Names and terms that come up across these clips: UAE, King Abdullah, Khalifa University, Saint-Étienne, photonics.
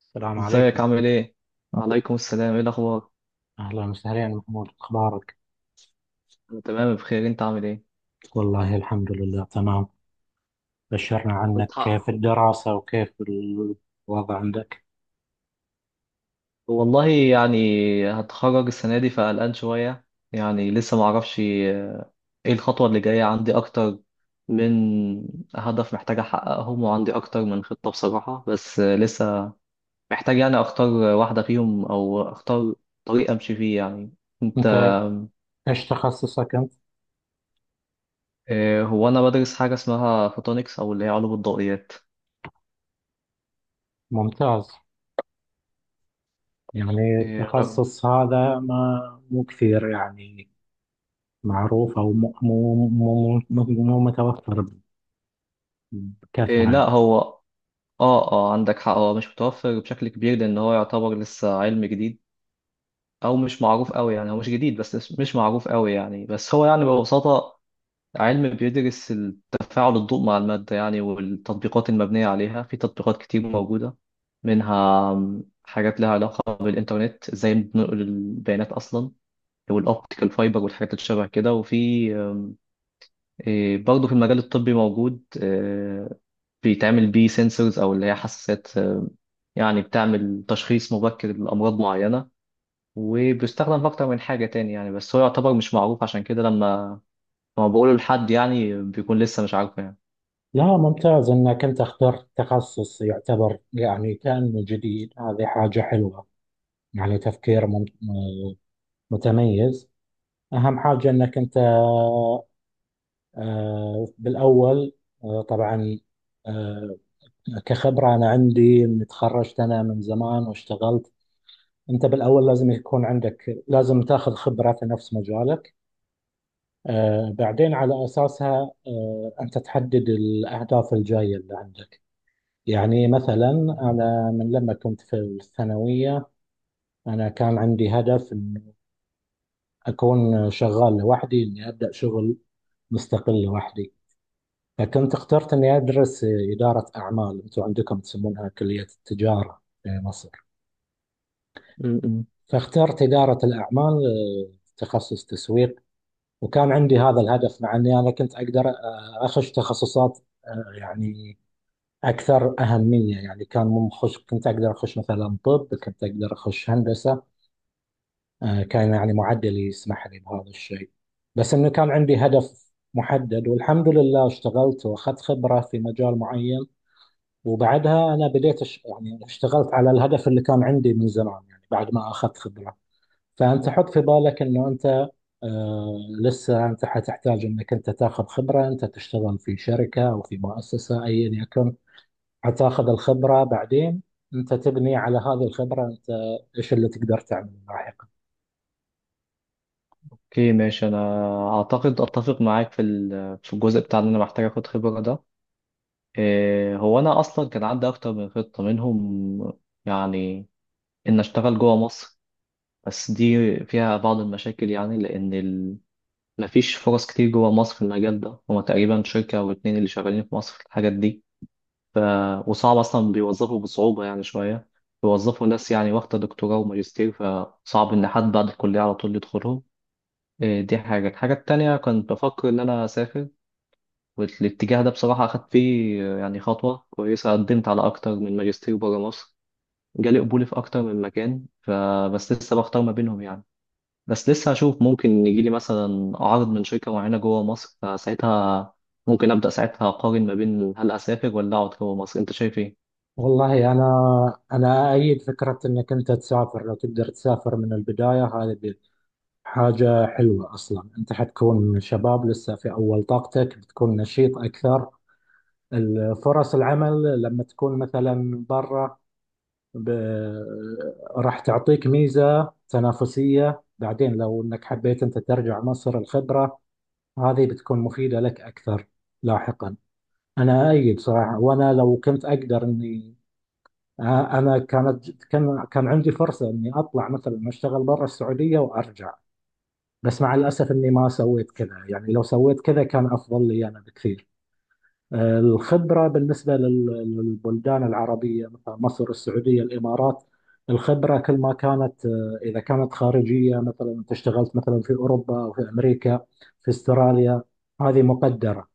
السلام عليكم. ازيك، عامل ايه؟ وعليكم السلام، ايه الاخبار؟ أهلا وسهلا محمود، أخبارك؟ انا تمام بخير، انت عامل ايه؟ والله الحمد لله تمام. بشرنا عنك، كنت كيف ح... الدراسة وكيف الوضع عندك والله يعني هتخرج السنة دي، فقلقان شوية. يعني لسه معرفش ايه الخطوة اللي جاية. عندي اكتر من هدف محتاج احققهم، وعندي اكتر من خطة بصراحة، بس لسه محتاج يعني اختار واحدة فيهم او اختار طريق امشي فيه يعني. انت. أنت؟ إيش تخصصك أنت؟ هو انا بدرس حاجة اسمها فوتونكس او اللي هي علوم الضوئيات. ممتاز. يعني آه، انا التخصص هذا ما مو كثير يعني معروف، أو مو مو مو, مو مو متوفر آه، بكثرة لا، يعني. هو اه اه عندك حق، هو مش متوفر بشكل كبير لان هو يعتبر لسه علم جديد، او مش معروف قوي. يعني هو مش جديد، بس مش معروف قوي يعني. بس هو يعني ببساطة علم بيدرس تفاعل الضوء مع المادة يعني، والتطبيقات المبنية عليها. في تطبيقات كتير موجودة منها حاجات لها علاقة بالإنترنت، ازاي بننقل البيانات أصلا، والأوبتيكال فايبر والحاجات اللي شبه كده. وفي آم، إيه، برضه في المجال الطبي موجود بيتعمل بيه سنسورز أو اللي هي حساسات يعني بتعمل تشخيص مبكر لأمراض معينة، وبيستخدم في أكتر من حاجة تاني يعني. بس هو يعتبر مش معروف، عشان كده لما بقوله لحد يعني بيكون لسه مش عارفه يعني. لا، ممتاز أنك أنت اخترت تخصص يعتبر يعني كأنه جديد، هذه حاجة حلوة. يعني تفكير متميز. أهم حاجة أنك أنت، بالأول طبعا، آه، كخبرة أنا عندي إني تخرجت أنا من زمان واشتغلت. أنت بالأول لازم يكون عندك، لازم تاخذ خبرة في نفس مجالك، بعدين على أساسها أنت تحدد الأهداف الجاية اللي عندك. يعني مثلا أنا من لما كنت في الثانوية، أنا كان عندي هدف إن أكون شغال لوحدي، إني أبدأ شغل مستقل لوحدي. كنت اخترت اني ادرس اداره اعمال، انتم عندكم تسمونها كليه التجاره في مصر. م-م. فاخترت اداره الاعمال، تخصص تسويق. وكان عندي هذا الهدف، مع اني انا كنت اقدر اخش تخصصات آه، يعني اكثر اهميه. يعني كان مخش كنت اقدر اخش مثلا طب، كنت اقدر اخش هندسه. كان يعني معدلي يسمح لي بهذا الشيء، بس انه كان عندي هدف محدد. والحمد لله اشتغلت واخذت خبره في مجال معين، وبعدها انا يعني اشتغلت على الهدف اللي كان عندي من زمان، يعني بعد ما اخذت خبره. فانت حط في بالك انه انت، آه لسه انت حتحتاج انك انت تاخذ خبره، انت تشتغل في شركه او في مؤسسه ايا يكن. حتاخذ الخبره، بعدين انت تبني على هذه الخبره، انت ايش اللي تقدر تعمله لاحقا. اوكي ماشي. أنا أعتقد أتفق معاك في الجزء بتاع إن أنا محتاج آخد خبرة ده. إيه، هو أنا أصلا كان عندي أكتر من خطة منهم. يعني إن أشتغل جوه مصر، بس دي فيها بعض المشاكل يعني، لأن مفيش فرص كتير جوه مصر في المجال ده. هما تقريبا شركة أو اتنين اللي شغالين في مصر في الحاجات دي. ف... وصعب أصلا، بيوظفوا بصعوبة يعني شوية، بيوظفوا ناس يعني واخدة دكتوراه وماجستير، فصعب إن حد بعد الكلية على طول يدخلهم. إيه، دي حاجة. الحاجة التانية كنت بفكر إن أنا أسافر، والاتجاه ده بصراحة أخدت فيه يعني خطوة كويسة. قدمت على أكتر من ماجستير برا مصر، جالي قبول في أكتر من مكان، فبس لسه بختار ما بينهم يعني. بس لسه هشوف، ممكن يجي لي مثلا عرض من شركة معينة جوه مصر، فساعتها ممكن أبدأ ساعتها أقارن ما بين هل أسافر ولا أقعد جوه مصر. أنت شايف إيه؟ والله انا ايد فكره انك انت تسافر. لو تقدر تسافر من البدايه، هذه حاجة حلوة أصلا. أنت حتكون شباب لسه في أول طاقتك، بتكون نشيط أكثر. فرص العمل لما تكون مثلا برا، ب... راح تعطيك ميزة تنافسية. بعدين لو أنك حبيت أنت ترجع مصر، الخبرة هذه بتكون مفيدة لك أكثر لاحقا. أنا أيد صراحة. وأنا لو كنت أقدر أني، أنا كان عندي فرصة أني أطلع مثلا أشتغل برا السعودية وأرجع، بس مع الأسف إني ما سويت كذا. يعني لو سويت كذا كان أفضل لي أنا بكثير. الخبرة بالنسبة للبلدان العربية، مثلا مصر، السعودية، الإمارات. الخبرة كل ما كانت، إذا كانت خارجية، مثلا أنت اشتغلت مثلا في أوروبا أو في أمريكا، في أستراليا، هذه مقدرة.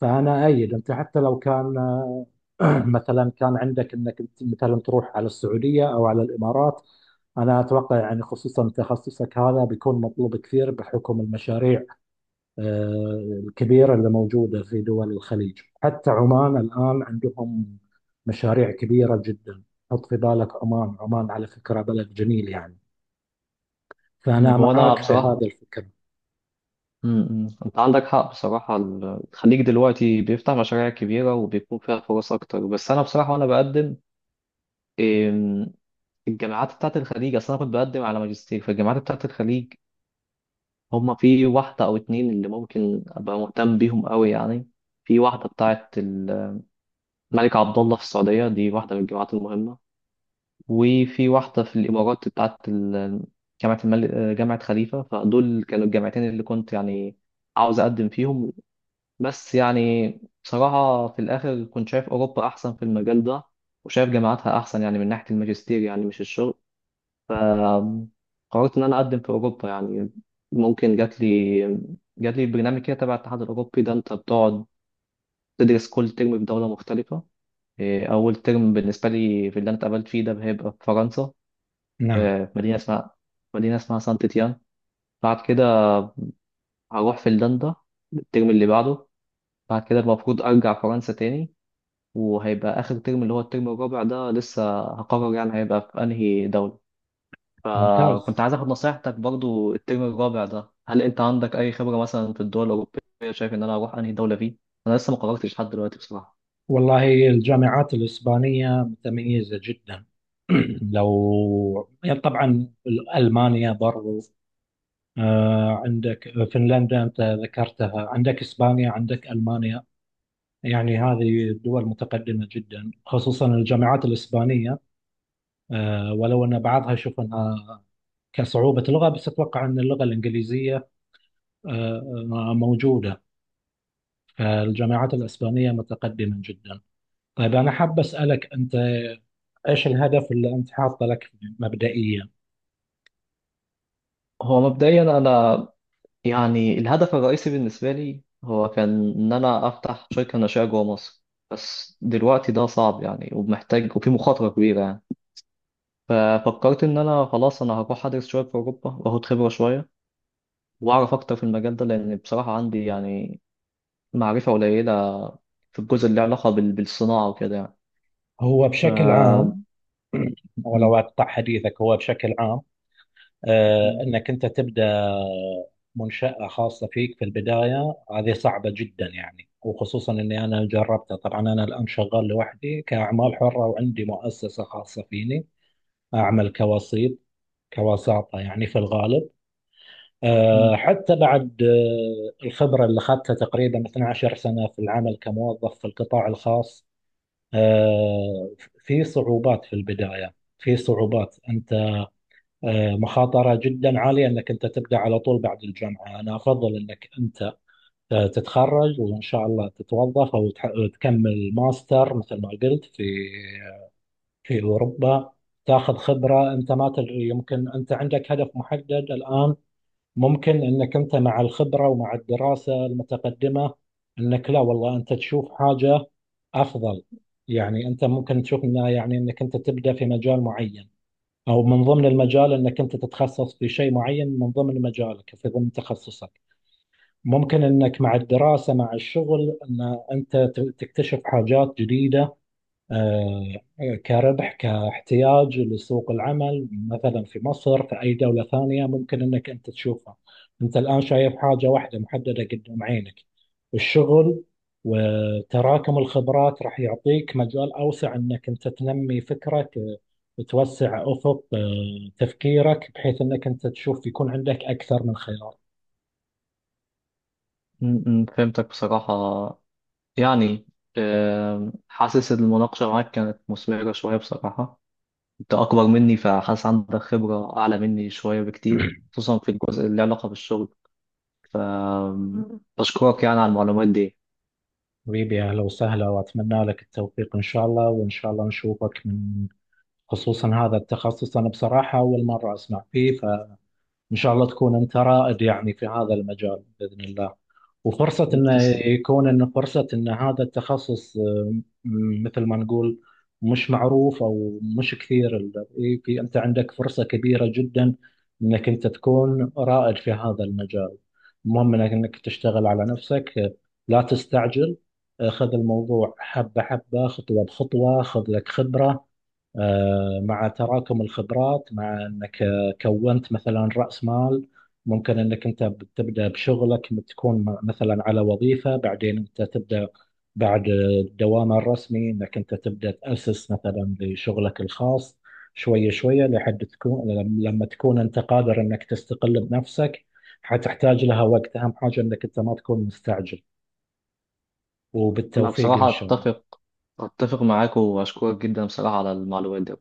فانا ايد انت، حتى لو كان مثلا كان عندك انك أنت مثلا تروح على السعوديه او على الامارات، انا اتوقع يعني خصوصا تخصصك هذا بيكون مطلوب كثير بحكم المشاريع الكبيره اللي موجوده في دول الخليج. حتى عمان الان عندهم مشاريع كبيره جدا. حط في بالك، عمان عمان على فكره بلد جميل يعني. فانا هو أنا معاك في هذا بصراحة. الفكر. م-م. أنت عندك حق بصراحة. الخليج دلوقتي بيفتح مشاريع كبيرة، وبيكون فيها فرص أكتر. بس أنا بصراحة وأنا بقدم إم، الجامعات بتاعت الخليج، أصل أنا كنت بقدم على ماجستير فالجامعات بتاعت الخليج. هما في واحدة أو اتنين اللي ممكن أبقى مهتم بيهم أوي يعني. في واحدة بتاعت الملك عبد الله في السعودية، دي واحدة من الجامعات المهمة. وفي واحدة في الإمارات بتاعت جامعة الملك جامعة خليفة. فدول كانوا الجامعتين اللي كنت يعني عاوز أقدم فيهم، بس يعني بصراحة في الآخر كنت شايف أوروبا أحسن في المجال ده، وشايف جامعاتها أحسن يعني من ناحية الماجستير يعني، مش الشغل. فقررت إن أنا أقدم في أوروبا يعني. ممكن جات لي برنامج كده تبع الاتحاد الأوروبي ده. أنت بتقعد تدرس كل ترم في دولة مختلفة. إيه، أول ترم بالنسبة لي في اللي أنا اتقابلت فيه ده هيبقى في فرنسا، نعم. في مدينة اسمها سانت تيان. بعد كده هروح فنلندا الترم اللي بعده. بعد كده المفروض أرجع فرنسا تاني، وهيبقى آخر ترم اللي هو الترم الرابع ده لسه هقرر يعني هيبقى في أنهي دولة. فكنت ممتاز. عايز آخد نصيحتك برضو الترم الرابع ده. هل أنت عندك أي خبرة مثلا في الدول الأوروبية؟ شايف إن أنا أروح أنهي دولة فيه؟ أنا لسه ما قررتش لحد دلوقتي بصراحة. والله الجامعات الإسبانية متميزة جدا. لو يعني طبعا ألمانيا برضو. عندك فنلندا أنت ذكرتها، عندك إسبانيا، عندك ألمانيا. يعني هذه دول متقدمة جدا، خصوصا الجامعات الإسبانية. ولو أن بعضها أشوف أنها كصعوبة لغة، بس أتوقع أن اللغة الإنجليزية آه، موجودة. فالجامعات الإسبانية متقدمة جدا. طيب أنا حاب أسألك أنت، ايش الهدف اللي انت حاطه لك مبدئيا؟ هو مبدئيا أنا يعني الهدف الرئيسي بالنسبة لي هو كان إن أنا أفتح شركة ناشئة جوه مصر، بس دلوقتي ده صعب يعني، ومحتاج وفي مخاطرة كبيرة يعني. ففكرت إن أنا خلاص أنا هروح أدرس شوية في أوروبا وآخد خبرة شوية، وأعرف أكتر في المجال ده، لأن بصراحة عندي يعني معرفة قليلة في الجزء اللي له علاقة بالصناعة وكده يعني. هو بشكل عام، ف م- ولو اقطع حديثك، هو بشكل عام م- انك انت تبدا منشاه خاصه فيك في البدايه، هذه صعبه جدا يعني. وخصوصا اني انا جربتها، طبعا انا الان شغال لوحدي كاعمال حره وعندي مؤسسه خاصه فيني، اعمل كوسيط، كوساطه يعني في الغالب. حتى بعد الخبره اللي اخذتها تقريبا 12 سنه في العمل كموظف في القطاع الخاص. آه، في صعوبات في البداية، في صعوبات. أنت مخاطرة جدا عالية أنك أنت تبدأ على طول بعد الجامعة. أنا أفضل أنك أنت تتخرج وإن شاء الله تتوظف، أو تكمل ماستر مثل ما قلت في أوروبا. تاخذ خبرة. أنت ما تدري، يمكن أنت عندك هدف محدد الآن، ممكن انك انت مع الخبره ومع الدراسه المتقدمه، انك لا والله انت تشوف حاجه افضل. يعني انت ممكن تشوف انها، يعني انك انت تبدا في مجال معين، او من ضمن المجال انك انت تتخصص في شيء معين من ضمن مجالك، في ضمن تخصصك. ممكن انك مع الدراسه مع الشغل، ان انت تكتشف حاجات جديده، كربح كاحتياج لسوق العمل مثلا في مصر، في أي دولة ثانية ممكن أنك أنت تشوفها. أنت الآن شايف حاجة واحدة محددة قدام عينك، الشغل. وتراكم الخبرات راح يعطيك مجال أوسع، أنك أنت تنمي فكرك، توسع أفق تفكيرك، بحيث أنك أنت تشوف يكون عندك أكثر من خيار. فهمتك بصراحة. يعني حاسس إن المناقشة معاك كانت مثمرة شوية بصراحة. انت اكبر مني، فحاسس عندك خبرة اعلى مني شوية بكتير، خصوصا في الجزء اللي له علاقة بالشغل. ف بشكرك يعني على المعلومات دي. حبيبي أهلا وسهلا، وأتمنى لك التوفيق إن شاء الله. وإن شاء الله نشوفك، من خصوصا هذا التخصص أنا بصراحة أول مرة أسمع فيه، فإن شاء الله تكون أنت رائد يعني في هذا المجال بإذن الله. وفرصة أنه تسلم. يكون، أن فرصة أن هذا التخصص، مثل ما نقول مش معروف، أو مش كثير ال- إيه، في، أنت عندك فرصة كبيرة جدا أنك أنت تكون رائد في هذا المجال. المهم أنك تشتغل على نفسك، لا تستعجل. خذ الموضوع حبة حبة، خطوة بخطوة. خذ لك خبرة، مع تراكم الخبرات، مع انك كونت مثلا راس مال. ممكن انك انت تبدا بشغلك، تكون مثلا على وظيفه، بعدين انت تبدا بعد الدوام الرسمي انك انت تبدا تاسس مثلا لشغلك الخاص. شويه شويه لحد تكون لما تكون انت قادر انك تستقل بنفسك. حتحتاج لها وقت، اهم حاجه انك انت ما تكون مستعجل. انا وبالتوفيق ان بصراحة شاء الله. اتفق معاك، واشكرك جدا بصراحة على المعلومات دي.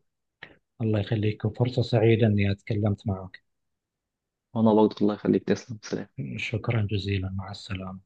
الله يخليكم، فرصه سعيده اني اتكلمت معك. وانا برضه الله يخليك. تسلم، سلام. شكرا جزيلا، مع السلامة.